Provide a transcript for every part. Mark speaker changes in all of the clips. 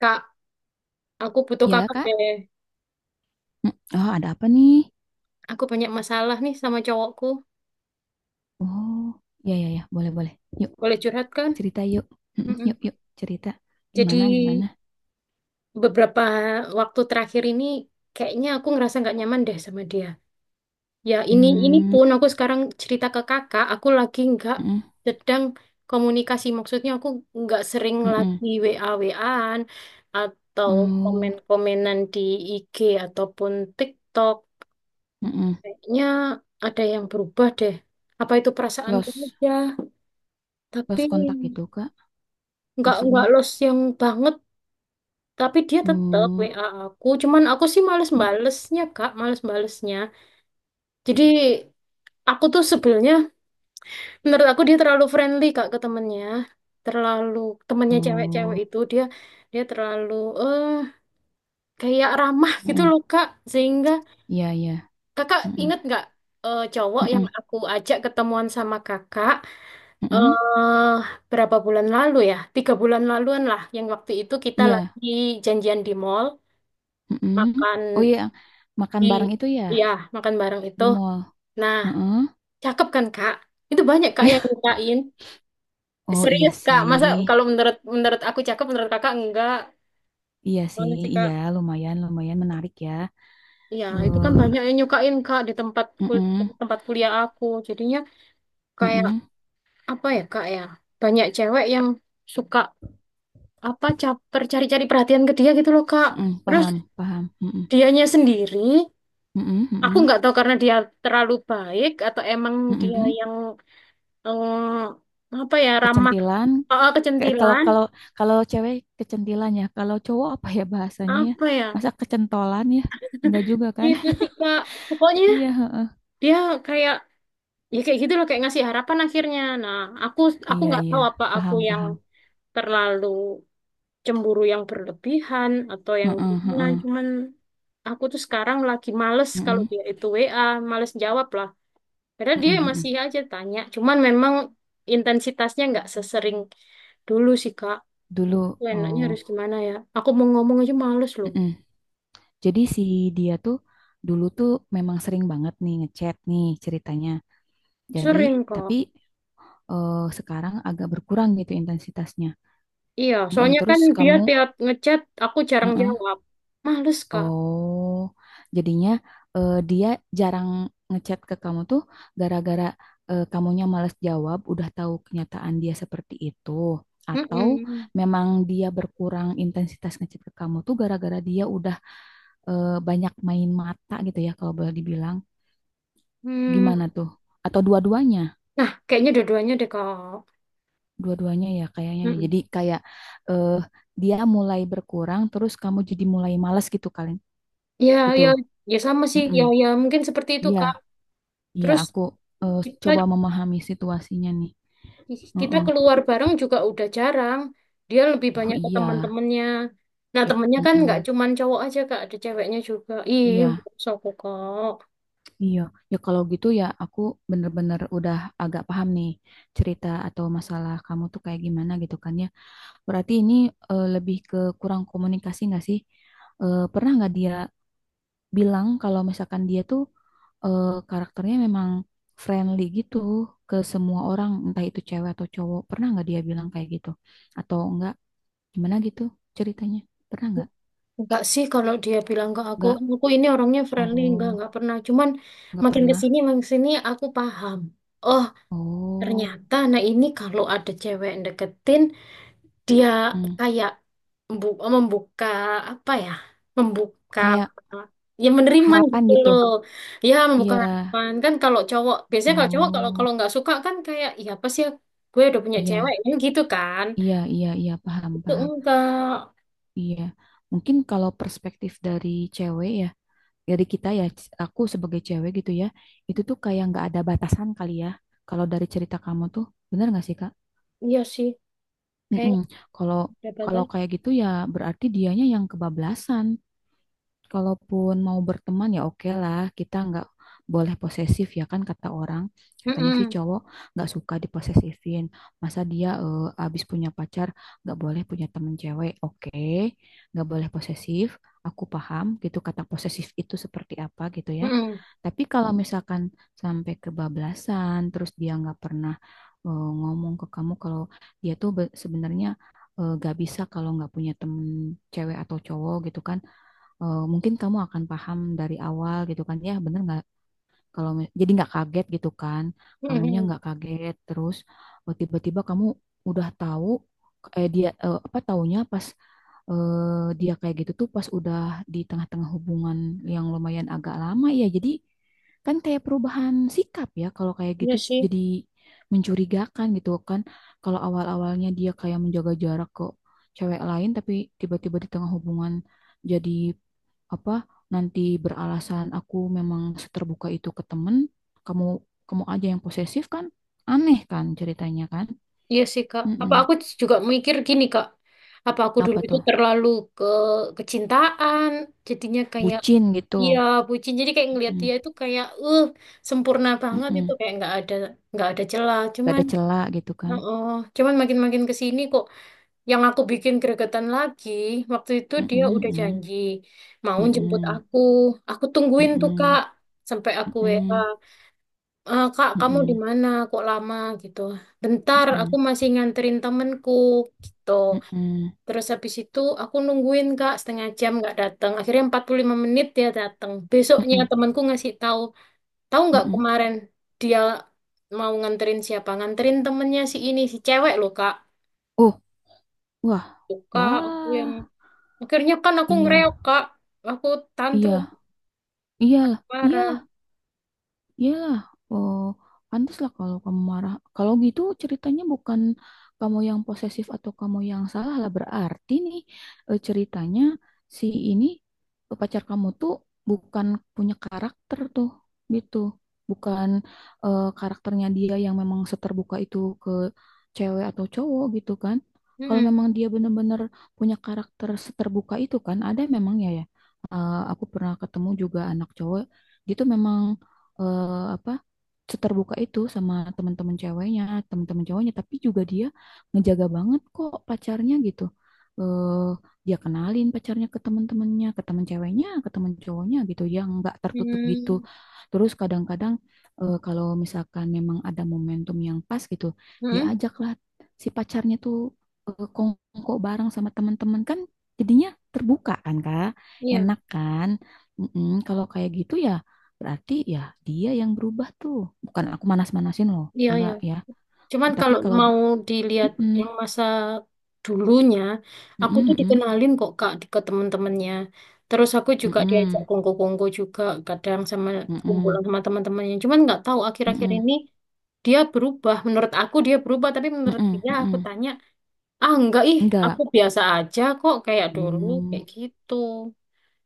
Speaker 1: Kak, aku butuh
Speaker 2: Ya,
Speaker 1: kakak
Speaker 2: Kak.
Speaker 1: deh.
Speaker 2: Hmm, Oh, ada apa nih?
Speaker 1: Aku banyak masalah nih sama cowokku.
Speaker 2: Oh, Ya, ya, ya. Boleh, boleh. Yuk,
Speaker 1: Boleh curhat kan?
Speaker 2: cerita yuk. Yuk,
Speaker 1: Mm-mm.
Speaker 2: yuk, cerita.
Speaker 1: Jadi
Speaker 2: Gimana, gimana?
Speaker 1: beberapa waktu terakhir ini kayaknya aku ngerasa nggak nyaman deh sama dia. Ya ini
Speaker 2: hmm,
Speaker 1: pun aku sekarang cerita ke kakak, aku lagi nggak
Speaker 2: mm-mm,
Speaker 1: sedang komunikasi. Maksudnya aku nggak sering
Speaker 2: mm mm.
Speaker 1: lagi WA-WAan atau
Speaker 2: Oh,
Speaker 1: komen-komenan di IG ataupun TikTok.
Speaker 2: mm-mm.
Speaker 1: Kayaknya ada yang berubah deh. Apa itu perasaanku
Speaker 2: Los,
Speaker 1: aja? Tapi
Speaker 2: los kontak gitu, Kak.
Speaker 1: nggak
Speaker 2: Maksudnya.
Speaker 1: los yang banget. Tapi dia tetap
Speaker 2: Oh,
Speaker 1: WA aku. Cuman aku sih males
Speaker 2: mm-mm,
Speaker 1: balesnya Kak, males balesnya. Jadi aku tuh sebelnya, menurut aku dia terlalu friendly Kak ke temennya. Terlalu temennya cewek-cewek
Speaker 2: Oh,
Speaker 1: itu dia dia terlalu eh kayak ramah gitu
Speaker 2: mm
Speaker 1: loh Kak. Sehingga
Speaker 2: ya. Iya, iya,
Speaker 1: Kakak
Speaker 2: mm-mm,
Speaker 1: inget nggak cowok yang
Speaker 2: mm-mm,
Speaker 1: aku ajak ketemuan sama Kakak? eh Berapa bulan lalu ya? 3 bulan laluan lah. Yang waktu itu kita
Speaker 2: iya,
Speaker 1: lagi janjian di mall,
Speaker 2: mm
Speaker 1: makan
Speaker 2: Oh iya, makan
Speaker 1: di,
Speaker 2: bareng itu ya
Speaker 1: ya, makan bareng itu.
Speaker 2: di mall.
Speaker 1: Nah,
Speaker 2: Heeh.
Speaker 1: cakep kan Kak? Itu banyak Kak yang
Speaker 2: Iya.
Speaker 1: nyukain.
Speaker 2: Oh iya
Speaker 1: Serius Kak, masa
Speaker 2: sih.
Speaker 1: kalau menurut menurut aku cakep, menurut Kakak enggak?
Speaker 2: Iya sih,
Speaker 1: Mana sih
Speaker 2: iya
Speaker 1: Kak?
Speaker 2: lumayan lumayan menarik ya.
Speaker 1: Ya, itu
Speaker 2: Eh,
Speaker 1: kan banyak yang nyukain Kak di
Speaker 2: mm-mm,
Speaker 1: tempat kuliah aku. Jadinya kayak
Speaker 2: mm-mm,
Speaker 1: apa ya Kak ya? Banyak cewek yang suka apa caper cari-cari perhatian ke dia gitu loh Kak.
Speaker 2: mm-mm,
Speaker 1: Terus
Speaker 2: paham, paham. Mm-mm,
Speaker 1: dianya sendiri
Speaker 2: mm-mm,
Speaker 1: aku
Speaker 2: mm-mm,
Speaker 1: nggak tahu karena dia terlalu baik atau emang dia
Speaker 2: mm-mm.
Speaker 1: yang apa ya, ramah,
Speaker 2: Kecentilan.
Speaker 1: oh, oh,
Speaker 2: Ke- kalau
Speaker 1: kecentilan,
Speaker 2: kalau kalau cewek kecentilan ya. Kalau cowok apa ya bahasanya ya?
Speaker 1: apa ya,
Speaker 2: Masa kecentolan ya? Enggak juga kan?
Speaker 1: itu sih Kak. Pokoknya
Speaker 2: Iya, heeh.
Speaker 1: dia kayak, ya kayak gitu loh, kayak ngasih harapan akhirnya. Nah aku
Speaker 2: Iya,
Speaker 1: nggak
Speaker 2: iya.
Speaker 1: tahu apa aku
Speaker 2: Paham,
Speaker 1: yang
Speaker 2: paham.
Speaker 1: terlalu cemburu yang berlebihan atau yang
Speaker 2: Heeh,
Speaker 1: gimana.
Speaker 2: heeh.
Speaker 1: Cuman aku tuh sekarang lagi males kalau
Speaker 2: Mm-mm,
Speaker 1: dia itu WA, males jawab lah. Padahal dia
Speaker 2: mm
Speaker 1: masih aja tanya. Cuman memang intensitasnya nggak sesering dulu sih, Kak.
Speaker 2: Dulu
Speaker 1: Aku enaknya
Speaker 2: oh,
Speaker 1: harus gimana ya? Aku mau ngomong aja males loh.
Speaker 2: mm Jadi si dia tuh dulu tuh memang sering banget nih ngechat nih ceritanya. Jadi,
Speaker 1: Sering, Kak.
Speaker 2: tapi sekarang agak berkurang gitu intensitasnya.
Speaker 1: Iya,
Speaker 2: Mm-mm,
Speaker 1: soalnya kan
Speaker 2: terus
Speaker 1: dia
Speaker 2: kamu,
Speaker 1: tiap ngechat, aku jarang
Speaker 2: mm-mm.
Speaker 1: jawab. Males, Kak.
Speaker 2: oh, Jadinya dia jarang ngechat ke kamu tuh gara-gara kamunya males jawab, udah tahu kenyataan dia seperti itu. Atau
Speaker 1: Mm-mm.
Speaker 2: memang dia berkurang intensitas ngechat ke kamu tuh gara-gara dia udah banyak main mata gitu ya kalau boleh dibilang.
Speaker 1: Hmm.
Speaker 2: Gimana tuh? Atau dua-duanya?
Speaker 1: Nah, kayaknya dua-duanya deh, Kak.
Speaker 2: Dua-duanya ya kayaknya. Ya. Jadi
Speaker 1: Mm-mm.
Speaker 2: kayak eh dia mulai berkurang terus kamu jadi mulai malas gitu kali
Speaker 1: Ya,
Speaker 2: gitu.
Speaker 1: ya, ya sama sih.
Speaker 2: Mm-mm.
Speaker 1: Ya, ya mungkin seperti itu,
Speaker 2: Iya,
Speaker 1: Kak.
Speaker 2: iya
Speaker 1: Terus
Speaker 2: aku eh,
Speaker 1: kita
Speaker 2: coba memahami situasinya nih.
Speaker 1: Ih, kita
Speaker 2: Mm-mm.
Speaker 1: keluar bareng juga udah jarang. Dia lebih
Speaker 2: Oh
Speaker 1: banyak ke
Speaker 2: iya,
Speaker 1: teman-temannya. Nah,
Speaker 2: ya
Speaker 1: temennya kan nggak
Speaker 2: mm-mm.
Speaker 1: cuman cowok aja, Kak. Ada ceweknya juga. Ih,
Speaker 2: Iya,
Speaker 1: maksud aku, Kak.
Speaker 2: iya. Ya kalau gitu ya aku bener-bener udah agak paham nih cerita atau masalah kamu tuh kayak gimana gitu kan ya. Berarti ini lebih ke kurang komunikasi nggak sih? Eh, pernah nggak dia bilang kalau misalkan dia tuh eh, karakternya memang friendly gitu ke semua orang, entah itu cewek atau cowok. Pernah nggak dia bilang kayak gitu? Atau enggak? Gimana gitu ceritanya? Pernah nggak?
Speaker 1: Enggak sih kalau dia bilang ke
Speaker 2: Nggak.
Speaker 1: aku ini orangnya friendly.
Speaker 2: Oh,
Speaker 1: Enggak pernah. Cuman
Speaker 2: nggak pernah.
Speaker 1: makin ke sini aku paham. Oh,
Speaker 2: Oh,
Speaker 1: ternyata nah ini kalau ada cewek yang deketin, dia
Speaker 2: Mm-mm.
Speaker 1: kayak oh, membuka apa ya? Membuka,
Speaker 2: Kayak
Speaker 1: ya menerima
Speaker 2: harapan
Speaker 1: gitu loh.
Speaker 2: gitu.
Speaker 1: Ya membuka
Speaker 2: Iya.
Speaker 1: harapan kan kalau cowok, biasanya kalau cowok, kalau
Speaker 2: Oh,
Speaker 1: kalau nggak suka kan kayak, ya apa sih ya, gue udah punya cewek
Speaker 2: iya,
Speaker 1: kan gitu kan.
Speaker 2: iya, iya, iya, paham,
Speaker 1: Itu
Speaker 2: paham.
Speaker 1: enggak.
Speaker 2: Iya. Mungkin kalau perspektif dari cewek ya, dari kita ya aku sebagai cewek gitu ya itu tuh kayak nggak ada batasan kali ya kalau dari cerita kamu tuh bener nggak sih Kak?
Speaker 1: Iya sih. Kayak
Speaker 2: Mm-mm. Kalau
Speaker 1: ada
Speaker 2: kalau
Speaker 1: batas.
Speaker 2: kayak gitu ya berarti dianya yang kebablasan. Kalaupun mau berteman ya oke lah, kita nggak boleh posesif ya kan, kata orang katanya sih
Speaker 1: Mm-mm.
Speaker 2: cowok nggak suka diposesifin, masa dia abis punya pacar nggak boleh punya temen cewek, oke nggak boleh posesif, aku paham gitu kata posesif itu seperti apa gitu ya,
Speaker 1: Mm-mm.
Speaker 2: tapi kalau misalkan sampai kebablasan, terus dia nggak pernah ngomong ke kamu kalau dia tuh sebenarnya nggak bisa kalau nggak punya temen cewek atau cowok gitu kan. Eh, mungkin kamu akan paham dari awal gitu kan, ya bener nggak kalau jadi nggak kaget gitu kan, kamunya
Speaker 1: Mm-mm.
Speaker 2: nggak kaget terus tiba-tiba kamu udah tahu dia apa taunya pas dia kayak gitu tuh pas udah di tengah-tengah hubungan yang lumayan agak lama ya. Jadi kan kayak perubahan sikap ya kalau kayak gitu
Speaker 1: Iya sih.
Speaker 2: jadi mencurigakan gitu kan. Kalau awal-awalnya dia kayak menjaga jarak ke cewek lain tapi tiba-tiba di tengah hubungan jadi apa nanti beralasan aku memang seterbuka itu ke temen, kamu kamu aja yang posesif kan? Aneh kan ceritanya kan?
Speaker 1: Iya sih Kak. Apa
Speaker 2: Mm-mm.
Speaker 1: aku juga mikir gini Kak. Apa aku dulu
Speaker 2: Apa
Speaker 1: itu
Speaker 2: tuh?
Speaker 1: terlalu ke kecintaan jadinya kayak,
Speaker 2: Bucin gitu.
Speaker 1: iya, bucin. Jadi kayak ngelihat
Speaker 2: Mm,
Speaker 1: dia itu kayak, sempurna banget, itu
Speaker 2: mm-mm.
Speaker 1: kayak nggak ada celah.
Speaker 2: Gak ada celah gitu kan?
Speaker 1: Oh, cuman makin-makin ke sini kok yang aku bikin gregetan lagi. Waktu itu
Speaker 2: Mm-mm,
Speaker 1: dia udah
Speaker 2: mm-mm,
Speaker 1: janji mau jemput
Speaker 2: mm-mm,
Speaker 1: aku. Aku tungguin tuh Kak
Speaker 2: mm-mm,
Speaker 1: sampai aku WA, "Eh, Kak, kamu di
Speaker 2: mm-mm,
Speaker 1: mana? Kok lama gitu? Bentar,
Speaker 2: mm-mm,
Speaker 1: aku masih nganterin temenku gitu."
Speaker 2: mm-mm, mm-mm,
Speaker 1: Terus habis itu aku nungguin Kak setengah jam nggak datang. Akhirnya 45 menit dia datang. Besoknya
Speaker 2: mm-mm,
Speaker 1: temanku ngasih tahu, tahu nggak
Speaker 2: mm-mm.
Speaker 1: kemarin dia mau nganterin siapa? Nganterin temennya si ini, si cewek loh Kak.
Speaker 2: Oh, wah,
Speaker 1: Tuh, Kak, aku yang
Speaker 2: wah,
Speaker 1: akhirnya kan aku ngereok
Speaker 2: iya,
Speaker 1: Kak. Aku
Speaker 2: iya,
Speaker 1: tantrum
Speaker 2: iya, iyalah, iyalah.
Speaker 1: parah.
Speaker 2: Iyalah, oh, pantas lah kalau kamu marah. Kalau gitu ceritanya bukan kamu yang posesif atau kamu yang salah lah. Berarti nih ceritanya si ini pacar kamu tuh bukan punya karakter tuh gitu. Bukan karakternya dia yang memang seterbuka itu ke cewek atau cowok gitu kan. Kalau
Speaker 1: Hmm,
Speaker 2: memang dia benar-benar punya karakter seterbuka itu kan, ada memang ya ya. Eh, aku pernah ketemu juga anak cowok gitu memang eh, apa seterbuka itu sama teman-teman ceweknya, teman-teman cowoknya, tapi juga dia ngejaga banget kok pacarnya gitu. Eh, dia kenalin pacarnya ke teman-temannya, ke teman ceweknya, ke teman cowoknya gitu, yang nggak tertutup gitu.
Speaker 1: hmm,
Speaker 2: Terus kadang-kadang kalau misalkan memang ada momentum yang pas gitu, dia
Speaker 1: hmm,
Speaker 2: ajaklah si pacarnya tuh kongko bareng sama teman-teman kan jadinya terbuka kan Kak,
Speaker 1: iya,
Speaker 2: enak kan. Mm-mm, kalau kayak gitu ya berarti ya dia yang berubah tuh. Bukan aku manas-manasin loh.
Speaker 1: iya, iya.
Speaker 2: Enggak ya.
Speaker 1: Cuman
Speaker 2: Tapi
Speaker 1: kalau
Speaker 2: kalau
Speaker 1: mau dilihat
Speaker 2: Mm-mm,
Speaker 1: yang masa dulunya, aku tuh
Speaker 2: mm-mm,
Speaker 1: dikenalin kok Kak ke temen-temennya. Terus aku juga diajak
Speaker 2: mm-mm,
Speaker 1: kongko-kongko juga kadang sama
Speaker 2: mm-mm,
Speaker 1: kumpulan
Speaker 2: mm-mm,
Speaker 1: sama teman-temannya. Cuman nggak tahu akhir-akhir
Speaker 2: mm-mm,
Speaker 1: ini dia berubah. Menurut aku dia berubah, tapi menurut
Speaker 2: mm-mm,
Speaker 1: dia aku
Speaker 2: mm-mm.
Speaker 1: tanya, ah enggak ih,
Speaker 2: Enggak.
Speaker 1: aku biasa aja kok kayak dulu
Speaker 2: Mm,
Speaker 1: kayak gitu.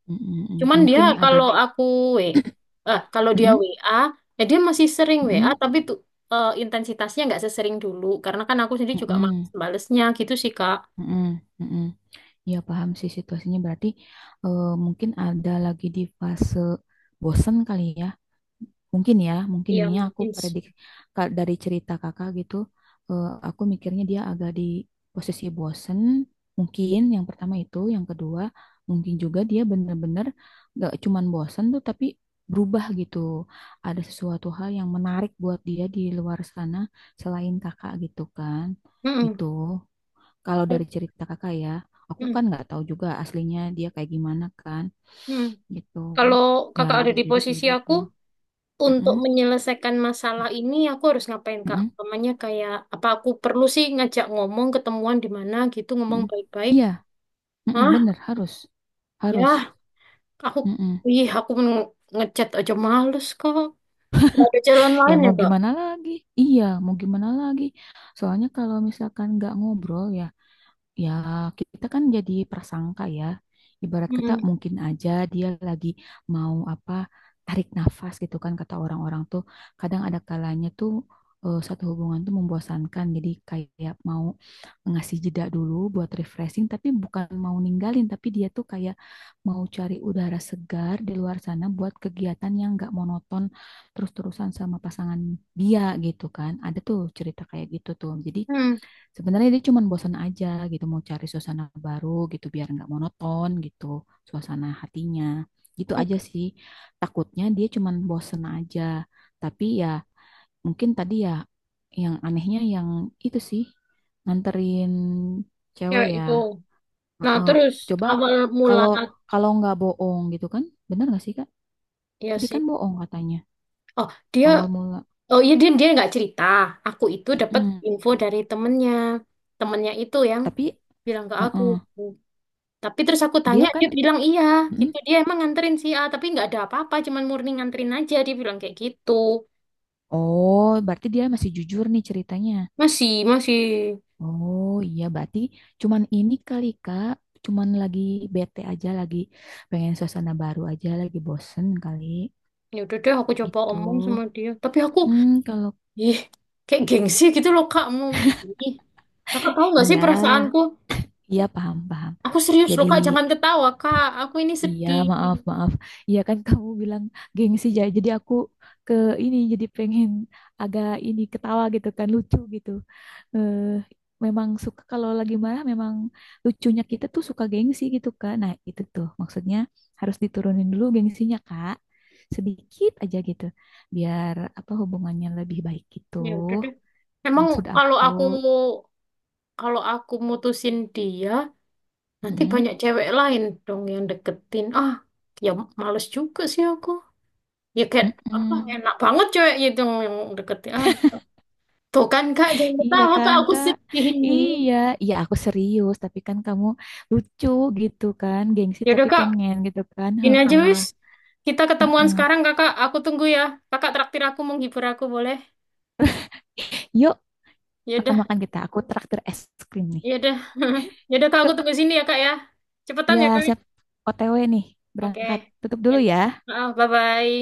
Speaker 2: mm-mm, mm.
Speaker 1: Cuman dia
Speaker 2: Mungkin ada
Speaker 1: kalau aku W, eh kalau dia
Speaker 2: mm-mm,
Speaker 1: WA, ya dia masih sering WA,
Speaker 2: mm-mm,
Speaker 1: tapi tuh intensitasnya nggak sesering dulu. Karena kan aku sendiri juga
Speaker 2: mm-mm,
Speaker 1: males balesnya gitu sih, Kak.
Speaker 2: mm-mm, mm-mm. Ya paham sih situasinya berarti mungkin ada lagi di fase bosen kali ya. Mungkin ya, mungkin
Speaker 1: Iya,
Speaker 2: ini aku
Speaker 1: mungkin sih.
Speaker 2: predik dari cerita kakak gitu, aku mikirnya dia agak di posisi bosen. Mungkin yang pertama itu, yang kedua mungkin juga dia bener-bener gak cuman bosen tuh, tapi berubah gitu. Ada sesuatu hal yang menarik buat dia di luar sana selain kakak gitu kan, gitu.
Speaker 1: Mm-mm.
Speaker 2: Kalau dari cerita kakak ya, aku
Speaker 1: Mm-mm.
Speaker 2: kan nggak tahu juga aslinya dia kayak gimana kan,
Speaker 1: Mm.
Speaker 2: gitu.
Speaker 1: Kalau
Speaker 2: Ya
Speaker 1: kakak ada
Speaker 2: bisa
Speaker 1: di
Speaker 2: jadi kayak
Speaker 1: posisi
Speaker 2: gitu.
Speaker 1: aku,
Speaker 2: Mm-mm.
Speaker 1: untuk menyelesaikan masalah ini, aku harus ngapain, Kak?
Speaker 2: Mm-mm.
Speaker 1: Namanya kayak, apa aku perlu sih ngajak ngomong, ketemuan di mana gitu, ngomong
Speaker 2: Mm.
Speaker 1: baik-baik.
Speaker 2: Iya, mm-mm,
Speaker 1: Hah?
Speaker 2: bener harus, harus.
Speaker 1: Ya, aku,
Speaker 2: Mm-mm.
Speaker 1: ih, aku ngechat aja males, Kak. Nggak ada jalan
Speaker 2: Ya
Speaker 1: lain ya,
Speaker 2: mau
Speaker 1: Kak?
Speaker 2: gimana lagi? Iya, mau gimana lagi? Soalnya kalau misalkan nggak ngobrol ya, ya, kita kan jadi prasangka ya. Ibarat kata
Speaker 1: Hmm,
Speaker 2: mungkin aja dia lagi mau apa tarik nafas gitu kan kata orang-orang tuh. Kadang ada kalanya tuh satu hubungan tuh membosankan. Jadi kayak mau ngasih jeda dulu buat refreshing tapi bukan mau ninggalin tapi dia tuh kayak mau cari udara segar di luar sana buat kegiatan yang nggak monoton terus-terusan sama pasangan dia gitu kan. Ada tuh cerita kayak gitu tuh. Jadi
Speaker 1: hmm,
Speaker 2: sebenarnya dia cuma bosan aja gitu, mau cari suasana baru gitu biar nggak monoton gitu suasana hatinya. Gitu aja sih. Takutnya dia cuma bosan aja. Tapi ya mungkin tadi ya yang anehnya yang itu sih nganterin
Speaker 1: oke
Speaker 2: cewek ya.
Speaker 1: itu. Nah
Speaker 2: Heeh.
Speaker 1: terus
Speaker 2: Coba
Speaker 1: awal mula
Speaker 2: kalau kalau nggak bohong gitu kan, bener nggak sih Kak?
Speaker 1: ya
Speaker 2: Tadi
Speaker 1: sih.
Speaker 2: kan bohong katanya
Speaker 1: Oh dia,
Speaker 2: awal mula.
Speaker 1: oh iya, dia dia nggak cerita. Aku itu dapat
Speaker 2: Mm-mm.
Speaker 1: info dari temennya, temennya itu yang
Speaker 2: Tapi
Speaker 1: bilang ke aku.
Speaker 2: mm-mm.
Speaker 1: Tapi terus aku
Speaker 2: dia
Speaker 1: tanya,
Speaker 2: kan
Speaker 1: dia bilang iya,
Speaker 2: mm-mm.
Speaker 1: gitu. Dia emang nganterin si A, tapi nggak ada apa-apa, cuman murni nganterin aja. Dia bilang kayak gitu.
Speaker 2: Oh, berarti dia masih jujur nih ceritanya.
Speaker 1: Masih, masih.
Speaker 2: Oh iya, berarti cuman ini kali Kak, cuman lagi bete aja, lagi pengen suasana baru aja, lagi bosen kali
Speaker 1: Ya udah deh, aku coba
Speaker 2: gitu.
Speaker 1: omong sama dia. Tapi aku,
Speaker 2: Kalau
Speaker 1: ih, kayak gengsi gitu loh Kak. Mau, ih. Kakak tahu nggak sih
Speaker 2: iya,
Speaker 1: perasaanku?
Speaker 2: iya paham paham.
Speaker 1: Aku serius loh
Speaker 2: Jadi
Speaker 1: Kak, jangan ketawa Kak. Aku ini
Speaker 2: iya,
Speaker 1: sedih.
Speaker 2: maaf, maaf. Iya kan kamu bilang gengsi ya. Jadi aku ke ini jadi pengen agak ini ketawa gitu kan lucu gitu. Eh, memang suka kalau lagi marah memang lucunya kita tuh suka gengsi gitu kan. Nah, itu tuh maksudnya harus diturunin dulu gengsinya, Kak. Sedikit aja gitu. Biar apa hubungannya lebih baik gitu.
Speaker 1: Ya udah deh. Emang
Speaker 2: Maksud
Speaker 1: kalau
Speaker 2: aku.
Speaker 1: aku kalau aku mutusin dia, nanti
Speaker 2: Mm-mm.
Speaker 1: banyak cewek lain dong yang deketin. Ah, ya males juga sih aku. Ya kayak apa?
Speaker 2: Mm-mm.
Speaker 1: Enak banget cewek itu yang deketin. Ah, tuh kan Kak, jangan
Speaker 2: Iya
Speaker 1: ketawa Kak.
Speaker 2: kan,
Speaker 1: Aku
Speaker 2: Kak?
Speaker 1: sedih ini.
Speaker 2: Iya, iya aku serius, tapi kan kamu lucu gitu kan, gengsi
Speaker 1: Ya udah
Speaker 2: tapi
Speaker 1: Kak,
Speaker 2: pengen gitu kan.
Speaker 1: gini aja
Speaker 2: Heeh,
Speaker 1: wis. Kita ketemuan
Speaker 2: heeh.
Speaker 1: sekarang kakak. Aku tunggu ya. Kakak traktir aku, menghibur aku boleh?
Speaker 2: Yuk,
Speaker 1: Ya udah.
Speaker 2: makan-makan kita. Aku traktir es krim nih.
Speaker 1: Iya udah. Ya udah Kak aku
Speaker 2: Yuk,
Speaker 1: tunggu sini ya Kak ya. Cepetan
Speaker 2: ya
Speaker 1: ya Kak.
Speaker 2: siap OTW nih,
Speaker 1: Oke.
Speaker 2: berangkat. Tutup
Speaker 1: Ya
Speaker 2: dulu
Speaker 1: udah.
Speaker 2: ya.
Speaker 1: Maaf, bye-bye.